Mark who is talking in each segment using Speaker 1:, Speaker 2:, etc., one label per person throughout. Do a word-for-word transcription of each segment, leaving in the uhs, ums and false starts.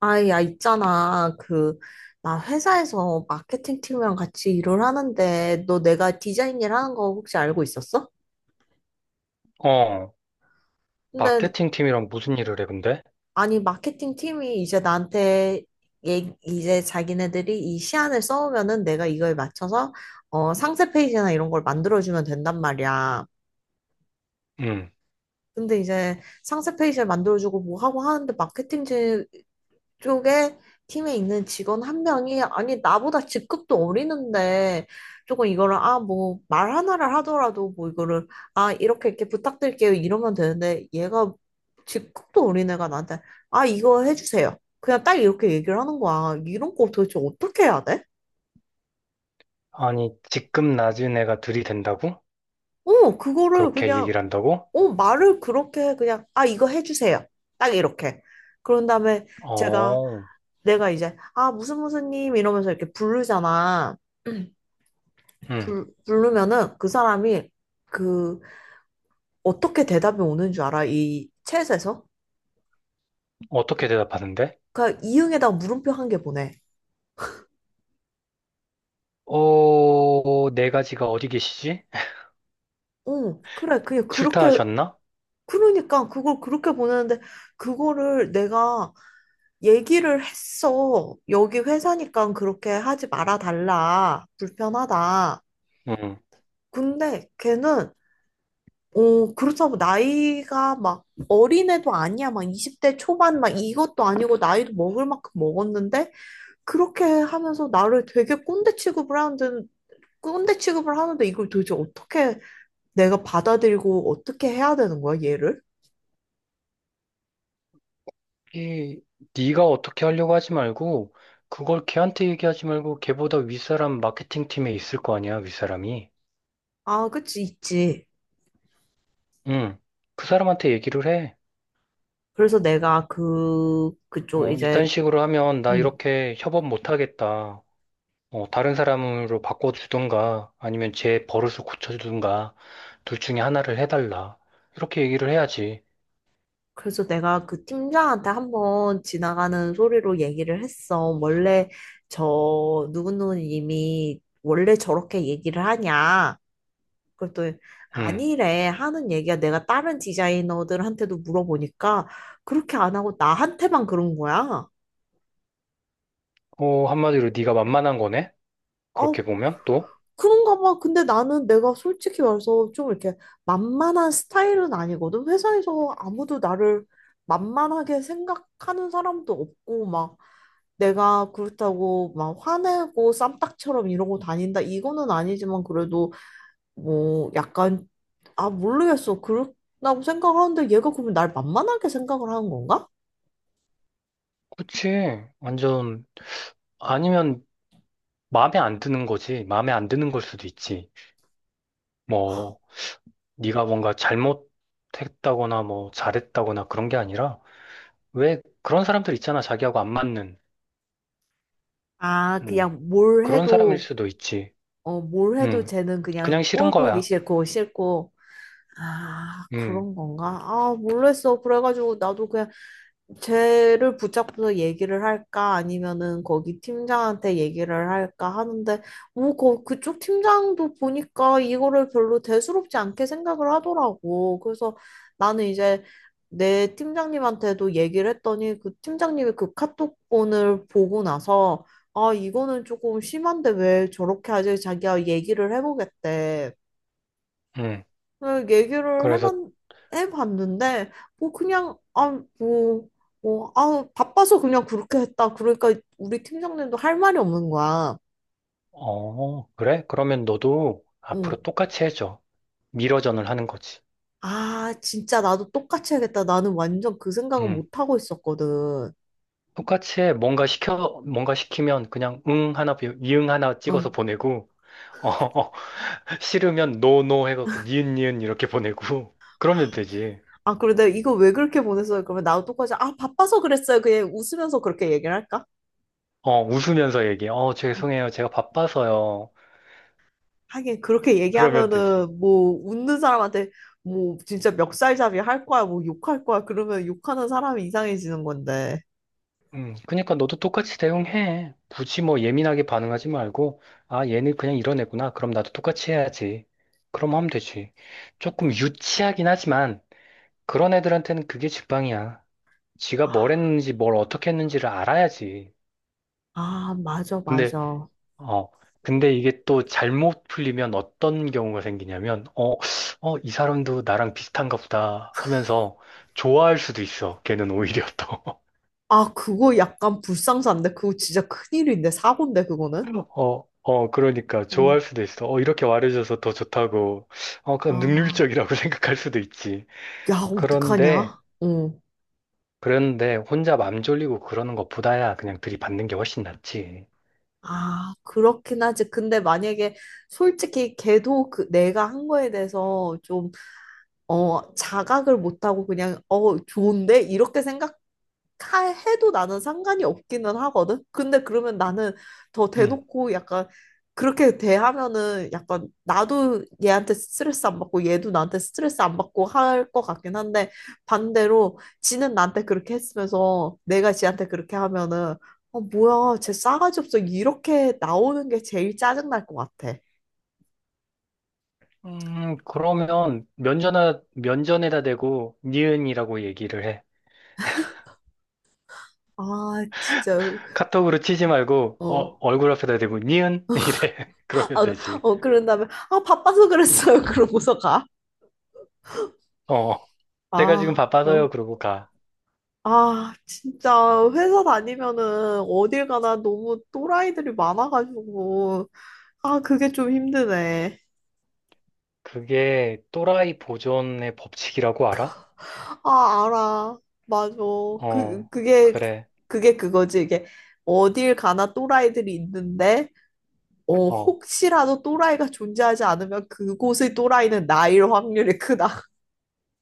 Speaker 1: 아, 야, 있잖아. 그, 나 회사에서 마케팅 팀이랑 같이 일을 하는데, 너 내가 디자인 일 하는 거 혹시 알고 있었어?
Speaker 2: 어,
Speaker 1: 근데,
Speaker 2: 마케팅 팀이랑 무슨 일을 해, 근데?
Speaker 1: 아니, 마케팅 팀이 이제 나한테, 얘, 이제 자기네들이 이 시안을 써오면은 내가 이거에 맞춰서, 어, 상세 페이지나 이런 걸 만들어주면 된단 말이야.
Speaker 2: 응.
Speaker 1: 근데 이제 상세 페이지를 만들어주고 뭐 하고 하는데 마케팅 쪽에 팀에 있는 직원 한 명이 아니 나보다 직급도 어리는데 조금 이거를 아 뭐 말 하나를 하더라도 뭐 이거를 아 이렇게 이렇게 부탁드릴게요 이러면 되는데 얘가 직급도 어린 애가 나한테 아 이거 해주세요 그냥 딱 이렇게 얘기를 하는 거야 이런 거 도대체 어떻게 해야 돼?
Speaker 2: 아니, 직급 낮은 애가 들이댄다고?
Speaker 1: 어 그거를
Speaker 2: 그렇게
Speaker 1: 그냥
Speaker 2: 얘기를 한다고?
Speaker 1: 어 말을 그렇게 그냥 아 이거 해주세요 딱 이렇게 그런 다음에 제가
Speaker 2: 어,
Speaker 1: 내가 이제 아 무슨 무슨 님 이러면서 이렇게 부르잖아
Speaker 2: 응.
Speaker 1: 불, 부르면은 그 사람이 그 어떻게 대답이 오는 줄 알아? 이 챗에서?
Speaker 2: 어떻게 대답하는데?
Speaker 1: 그러니까 이응에다 가 물음표 한 개 보내.
Speaker 2: 어, 네 가지가 어디 계시지?
Speaker 1: 응, 그래. 그냥 그렇게
Speaker 2: 출타하셨나?
Speaker 1: 그러니까 그걸 그렇게 보내는데 그거를 내가 얘기를 했어. 여기 회사니까 그렇게 하지 말아 달라. 불편하다.
Speaker 2: 응.
Speaker 1: 근데 걔는 어, 그렇다고 나이가 막 어린애도 아니야. 막 이십 대 초반 막 이것도 아니고 나이도 먹을 만큼 먹었는데 그렇게 하면서 나를 되게 꼰대 취급을 하는데, 꼰대 취급을 하는데 이걸 도대체 어떻게 내가 받아들이고 어떻게 해야 되는 거야, 얘를?
Speaker 2: 이, 네가 어떻게 하려고 하지 말고, 그걸 걔한테 얘기하지 말고, 걔보다 윗사람 마케팅 팀에 있을 거 아니야, 윗사람이.
Speaker 1: 아, 그치, 있지.
Speaker 2: 응. 그 사람한테 얘기를 해.
Speaker 1: 그래서 내가 그, 그쪽
Speaker 2: 어, 이딴
Speaker 1: 이제,
Speaker 2: 식으로 하면 나
Speaker 1: 음.
Speaker 2: 이렇게 협업 못 하겠다. 어, 다른 사람으로 바꿔주든가 아니면 제 버릇을 고쳐주든가 둘 중에 하나를 해달라. 이렇게 얘기를 해야지.
Speaker 1: 그래서 내가 그 팀장한테 한번 지나가는 소리로 얘기를 했어. 원래 저 누구누구님이 원래 저렇게 얘기를 하냐. 그것
Speaker 2: 응.
Speaker 1: 아니래 하는 얘기야. 내가 다른 디자이너들한테도 물어보니까 그렇게 안 하고 나한테만 그런 거야.
Speaker 2: 어, 한마디로 네가 만만한 거네? 그렇게
Speaker 1: 어
Speaker 2: 보면 또?
Speaker 1: 그런가 봐. 근데 나는 내가 솔직히 말해서 좀 이렇게 만만한 스타일은 아니거든. 회사에서 아무도 나를 만만하게 생각하는 사람도 없고 막 내가 그렇다고 막 화내고 쌈딱처럼 이러고 다닌다. 이거는 아니지만 그래도 뭐 약간 아, 모르겠어. 그렇다고 생각하는데 얘가 그러면 날 만만하게 생각을 하는 건가?
Speaker 2: 그치. 완전 아니면 마음에 안 드는 거지. 마음에 안 드는 걸 수도 있지. 뭐 네가 뭔가 잘못했다거나 뭐 잘했다거나 그런 게 아니라 왜 그런 사람들 있잖아. 자기하고 안 맞는.
Speaker 1: 아,
Speaker 2: 음.
Speaker 1: 그냥 뭘
Speaker 2: 그런 사람일
Speaker 1: 해도,
Speaker 2: 수도 있지.
Speaker 1: 어, 뭘 해도
Speaker 2: 음.
Speaker 1: 쟤는 그냥
Speaker 2: 그냥 싫은
Speaker 1: 꼴 보기
Speaker 2: 거야.
Speaker 1: 싫고, 싫고. 아,
Speaker 2: 음.
Speaker 1: 그런 건가? 아, 모르겠어. 그래가지고 나도 그냥 쟤를 붙잡고서 얘기를 할까 아니면은 거기 팀장한테 얘기를 할까 하는데 뭐 거, 그쪽 팀장도 보니까 이거를 별로 대수롭지 않게 생각을 하더라고. 그래서 나는 이제 내 팀장님한테도 얘기를 했더니 그 팀장님이 그 카톡본을 보고 나서 아 이거는 조금 심한데 왜 저렇게 하지? 자기가 얘기를 해보겠대.
Speaker 2: 음.
Speaker 1: 네, 얘기를 해봤,
Speaker 2: 그래서,
Speaker 1: 해봤는데, 뭐, 그냥, 아, 뭐, 뭐, 아, 바빠서 그냥 그렇게 했다. 그러니까 우리 팀장님도 할 말이 없는 거야.
Speaker 2: 어, 그래? 그러면 너도
Speaker 1: 응.
Speaker 2: 앞으로 똑같이 해줘. 미러전을 하는 거지.
Speaker 1: 아, 진짜 나도 똑같이 해야겠다. 나는 완전 그 생각은
Speaker 2: 응.
Speaker 1: 못 하고 있었거든.
Speaker 2: 똑같이 해. 뭔가 시켜, 뭔가 시키면 그냥 응 하나, 비- 이응 하나 찍어서
Speaker 1: 응.
Speaker 2: 보내고, 어, 어, 싫으면 노노 해갖고 니은 니은 이렇게 보내고, 그러면 되지.
Speaker 1: 아, 그래, 내가 이거 왜 그렇게 보냈어요? 그러면 나도 똑같이, 아, 바빠서 그랬어요. 그냥 웃으면서 그렇게 얘기를 할까?
Speaker 2: 어, 웃으면서 얘기해. 어, 죄송해요. 제가 바빠서요.
Speaker 1: 하긴 그렇게
Speaker 2: 그러면 되지.
Speaker 1: 얘기하면은 뭐 웃는 사람한테 뭐 진짜 멱살잡이 할 거야 뭐 욕할 거야 그러면 욕하는 사람이 이상해지는 건데
Speaker 2: 음, 그러니까 너도 똑같이 대응해. 굳이 뭐 예민하게 반응하지 말고, 아, 얘는 그냥 이런 애구나. 그럼 나도 똑같이 해야지. 그럼 하면 되지. 조금 유치하긴 하지만, 그런 애들한테는 그게 직방이야. 지가
Speaker 1: 아,
Speaker 2: 뭘 했는지, 뭘 어떻게 했는지를 알아야지.
Speaker 1: 아 맞아
Speaker 2: 근데,
Speaker 1: 맞아
Speaker 2: 어, 근데 이게 또 잘못 풀리면 어떤 경우가 생기냐면, 어, 어, 이 사람도 나랑 비슷한가 보다 하면서 좋아할 수도 있어. 걔는 오히려 또.
Speaker 1: 아 그거 약간 불상사인데 그거 진짜 큰일인데 사고인데 그거는
Speaker 2: 어, 어, 그러니까
Speaker 1: 응.
Speaker 2: 좋아할 수도 있어. 어, 이렇게 말해줘서 더 좋다고. 어, 그냥
Speaker 1: 아,
Speaker 2: 능률적이라고 생각할 수도 있지.
Speaker 1: 야
Speaker 2: 그런데,
Speaker 1: 어떡하냐 응.
Speaker 2: 그런데 혼자 맘 졸리고 그러는 것보다야 그냥 들이받는 게 훨씬 낫지.
Speaker 1: 아 그렇긴 하지 근데 만약에 솔직히 걔도 그 내가 한 거에 대해서 좀 어, 자각을 못하고 그냥 어 좋은데 이렇게 생각 카 해도 나는 상관이 없기는 하거든. 근데 그러면 나는 더
Speaker 2: 응.
Speaker 1: 대놓고 약간 그렇게 대하면은 약간 나도 얘한테 스트레스 안 받고 얘도 나한테 스트레스 안 받고 할 것 같긴 한데 반대로 지는 나한테 그렇게 했으면서 내가 지한테 그렇게 하면은 아 뭐야 쟤 싸가지 없어 이렇게 나오는 게 제일 짜증 날 것 같아.
Speaker 2: 음, 그러면 면전에, 면전에다 대고 니은이라고 얘기를 해.
Speaker 1: 아 진짜
Speaker 2: 카톡으로 치지 말고, 어,
Speaker 1: 어.
Speaker 2: 얼굴 앞에다 대고 니은? 이래. 그러면
Speaker 1: 아,
Speaker 2: 되지.
Speaker 1: 어 그런 다음에 아 바빠서 그랬어요 그러고서 가.
Speaker 2: 어. 제가 지금
Speaker 1: 아 어.
Speaker 2: 바빠서요. 그러고 가.
Speaker 1: 아, 진짜 회사 다니면은 어딜 가나 너무 또라이들이 많아가지고 아, 그게 좀 힘드네.
Speaker 2: 그게 또라이 보존의 법칙이라고 알아?
Speaker 1: 아, 알아. 맞아. 그
Speaker 2: 어,
Speaker 1: 그게
Speaker 2: 그래.
Speaker 1: 그게 그거지. 이게 어딜 가나 또라이들이 있는데 어,
Speaker 2: 어,
Speaker 1: 혹시라도 또라이가 존재하지 않으면 그곳의 또라이는 나일 확률이 크다.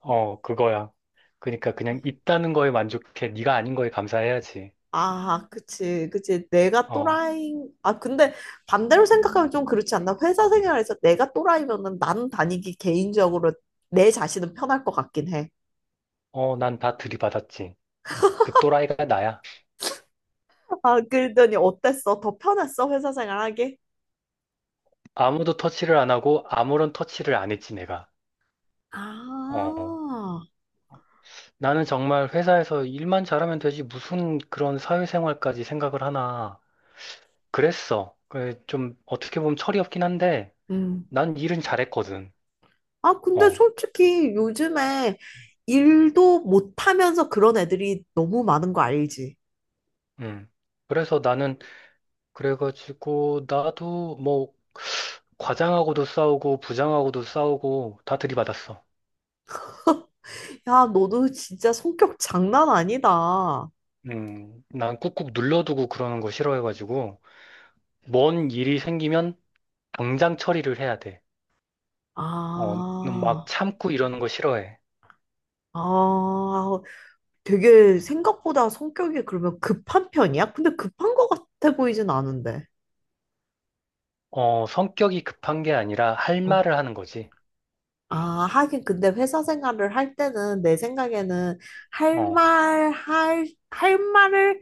Speaker 2: 어, 그거야. 그러니까 그냥 있다는 거에 만족해. 네가 아닌 거에 감사해야지.
Speaker 1: 아, 그치, 그치. 내가
Speaker 2: 어,
Speaker 1: 또라이, 아, 근데 반대로 생각하면 좀 그렇지 않나? 회사 생활에서 내가 또라이면은 나는 다니기 개인적으로 내 자신은 편할 것 같긴 해.
Speaker 2: 어, 난 다 들이받았지. 그 또라이가 나야.
Speaker 1: 아, 그러더니 어땠어? 더 편했어? 회사 생활하기?
Speaker 2: 아무도 터치를 안 하고 아무런 터치를 안 했지, 내가. 어,
Speaker 1: 아,
Speaker 2: 나는 정말 회사에서 일만 잘하면 되지. 무슨 그런 사회생활까지 생각을 하나. 그랬어. 그래, 좀 어떻게 보면 철이 없긴 한데
Speaker 1: 음.
Speaker 2: 난 일은 잘했거든.
Speaker 1: 아, 근데
Speaker 2: 어,
Speaker 1: 솔직히 요즘에 일도 못하면서 그런 애들이 너무 많은 거 알지?
Speaker 2: 음. 그래서 나는 그래가지고 나도 뭐 과장하고도 싸우고 부장하고도 싸우고 다 들이받았어.
Speaker 1: 야, 너도 진짜 성격 장난 아니다.
Speaker 2: 음, 난 꾹꾹 눌러두고 그러는 거 싫어해가지고 뭔 일이 생기면 당장 처리를 해야 돼. 어, 막
Speaker 1: 아,
Speaker 2: 참고 이러는 거 싫어해.
Speaker 1: 아, 되게 생각보다 성격이 그러면 급한 편이야? 근데 급한 것 같아 보이진 않은데.
Speaker 2: 어, 성격이 급한 게 아니라 할
Speaker 1: 어.
Speaker 2: 말을 하는 거지.
Speaker 1: 아, 하긴 근데 회사 생활을 할 때는 내 생각에는 할
Speaker 2: 어,
Speaker 1: 말, 할, 할 말을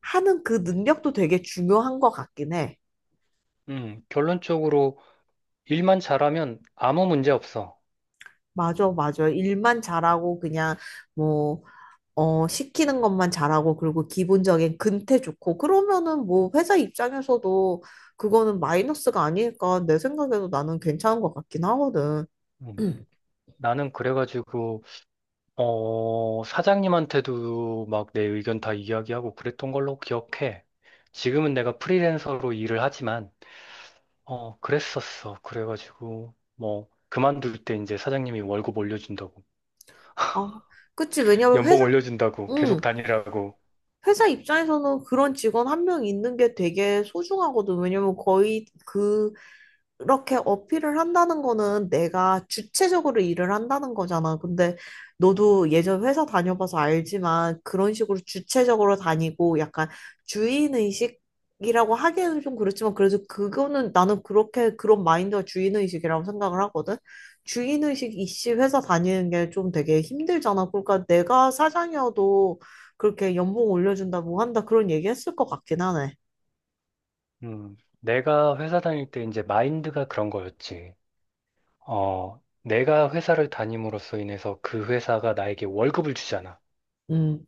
Speaker 1: 하는 그 능력도 되게 중요한 것 같긴 해.
Speaker 2: 음, 결론적으로 일만 잘하면 아무 문제 없어.
Speaker 1: 맞아, 맞아. 일만 잘하고 그냥 뭐, 어, 시키는 것만 잘하고 그리고 기본적인 근태 좋고 그러면은 뭐 회사 입장에서도 그거는 마이너스가 아니니까 내 생각에도 나는 괜찮은 것 같긴 하거든.
Speaker 2: 음, 나는 그래가지고 어, 사장님한테도 막 내 의견 다 이야기하고 그랬던 걸로 기억해. 지금은 내가 프리랜서로 일을 하지만, 어, 그랬었어. 그래가지고, 뭐, 그만둘 때 이제 사장님이 월급 올려준다고,
Speaker 1: 어, 그치. 왜냐면
Speaker 2: 연봉
Speaker 1: 회사,
Speaker 2: 올려준다고, 계속
Speaker 1: 응.
Speaker 2: 다니라고.
Speaker 1: 회사 입장에서는 그런 직원 한 명 있는 게 되게 소중하거든. 왜냐면 거의 그, 이렇게 어필을 한다는 거는 내가 주체적으로 일을 한다는 거잖아. 근데 너도 예전 회사 다녀봐서 알지만 그런 식으로 주체적으로 다니고 약간 주인의식 이라고 하기에는 좀 그렇지만 그래서 그거는 나는 그렇게 그런 마인드가 주인의식이라고 생각을 하거든. 주인의식 이씨 회사 다니는 게 좀 되게 힘들잖아. 그러니까 내가 사장이어도 그렇게 연봉 올려준다, 뭐 한다, 그런 얘기 했을 것 같긴 하네.
Speaker 2: 음, 내가 회사 다닐 때 이제 마인드가 그런 거였지. 어, 내가 회사를 다님으로써 인해서 그 회사가 나에게 월급을 주잖아.
Speaker 1: 음.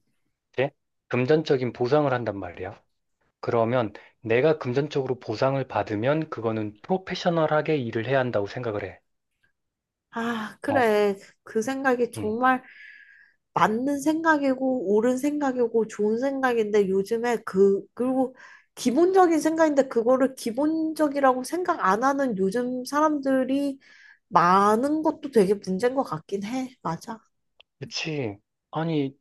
Speaker 2: 네? 금전적인 보상을 한단 말이야. 그러면 내가 금전적으로 보상을 받으면 그거는 프로페셔널하게 일을 해야 한다고 생각을 해.
Speaker 1: 아,
Speaker 2: 어?
Speaker 1: 그래. 그 생각이
Speaker 2: 응.
Speaker 1: 정말 맞는 생각이고, 옳은 생각이고, 좋은 생각인데, 요즘에 그, 그리고 기본적인 생각인데, 그거를 기본적이라고 생각 안 하는 요즘 사람들이 많은 것도 되게 문제인 것 같긴 해. 맞아.
Speaker 2: 그치. 아니,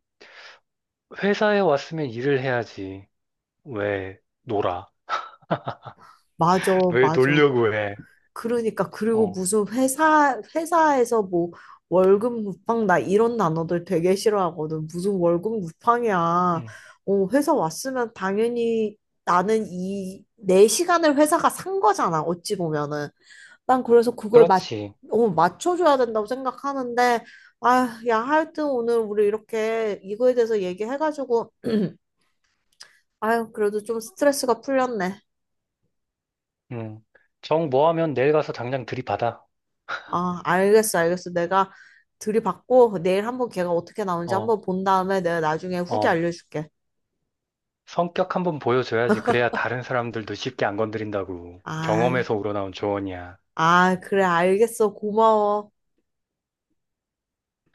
Speaker 2: 회사에 왔으면 일을 해야지. 왜 놀아?
Speaker 1: 맞아,
Speaker 2: 왜
Speaker 1: 맞아.
Speaker 2: 놀려고 해?
Speaker 1: 그러니까 그리고
Speaker 2: 어.
Speaker 1: 무슨 회사 회사에서 뭐 월급 무팡 나 이런 단어들 되게 싫어하거든. 무슨 월급 무팡이야.
Speaker 2: 응.
Speaker 1: 어, 회사 왔으면 당연히 나는 이 내 시간을 회사가 산 거잖아. 어찌 보면은. 난 그래서 그걸 맞
Speaker 2: 그렇지.
Speaker 1: 어, 맞춰줘야 된다고 생각하는데 아, 야 하여튼 오늘 우리 이렇게 이거에 대해서 얘기해가지고 아유 그래도 좀 스트레스가 풀렸네.
Speaker 2: 응. 정 뭐 하면 내일 가서 당장 들이받아.
Speaker 1: 아, 알겠어, 알겠어. 내가 들이받고 내일 한번 걔가 어떻게 나오는지
Speaker 2: 어.
Speaker 1: 한번 본 다음에 내가 나중에 후기
Speaker 2: 어.
Speaker 1: 알려줄게.
Speaker 2: 성격 한번 보여줘야지. 그래야 다른 사람들도 쉽게 안 건드린다고.
Speaker 1: 아,
Speaker 2: 경험에서 우러나온 조언이야.
Speaker 1: 아, 그래, 알겠어. 고마워.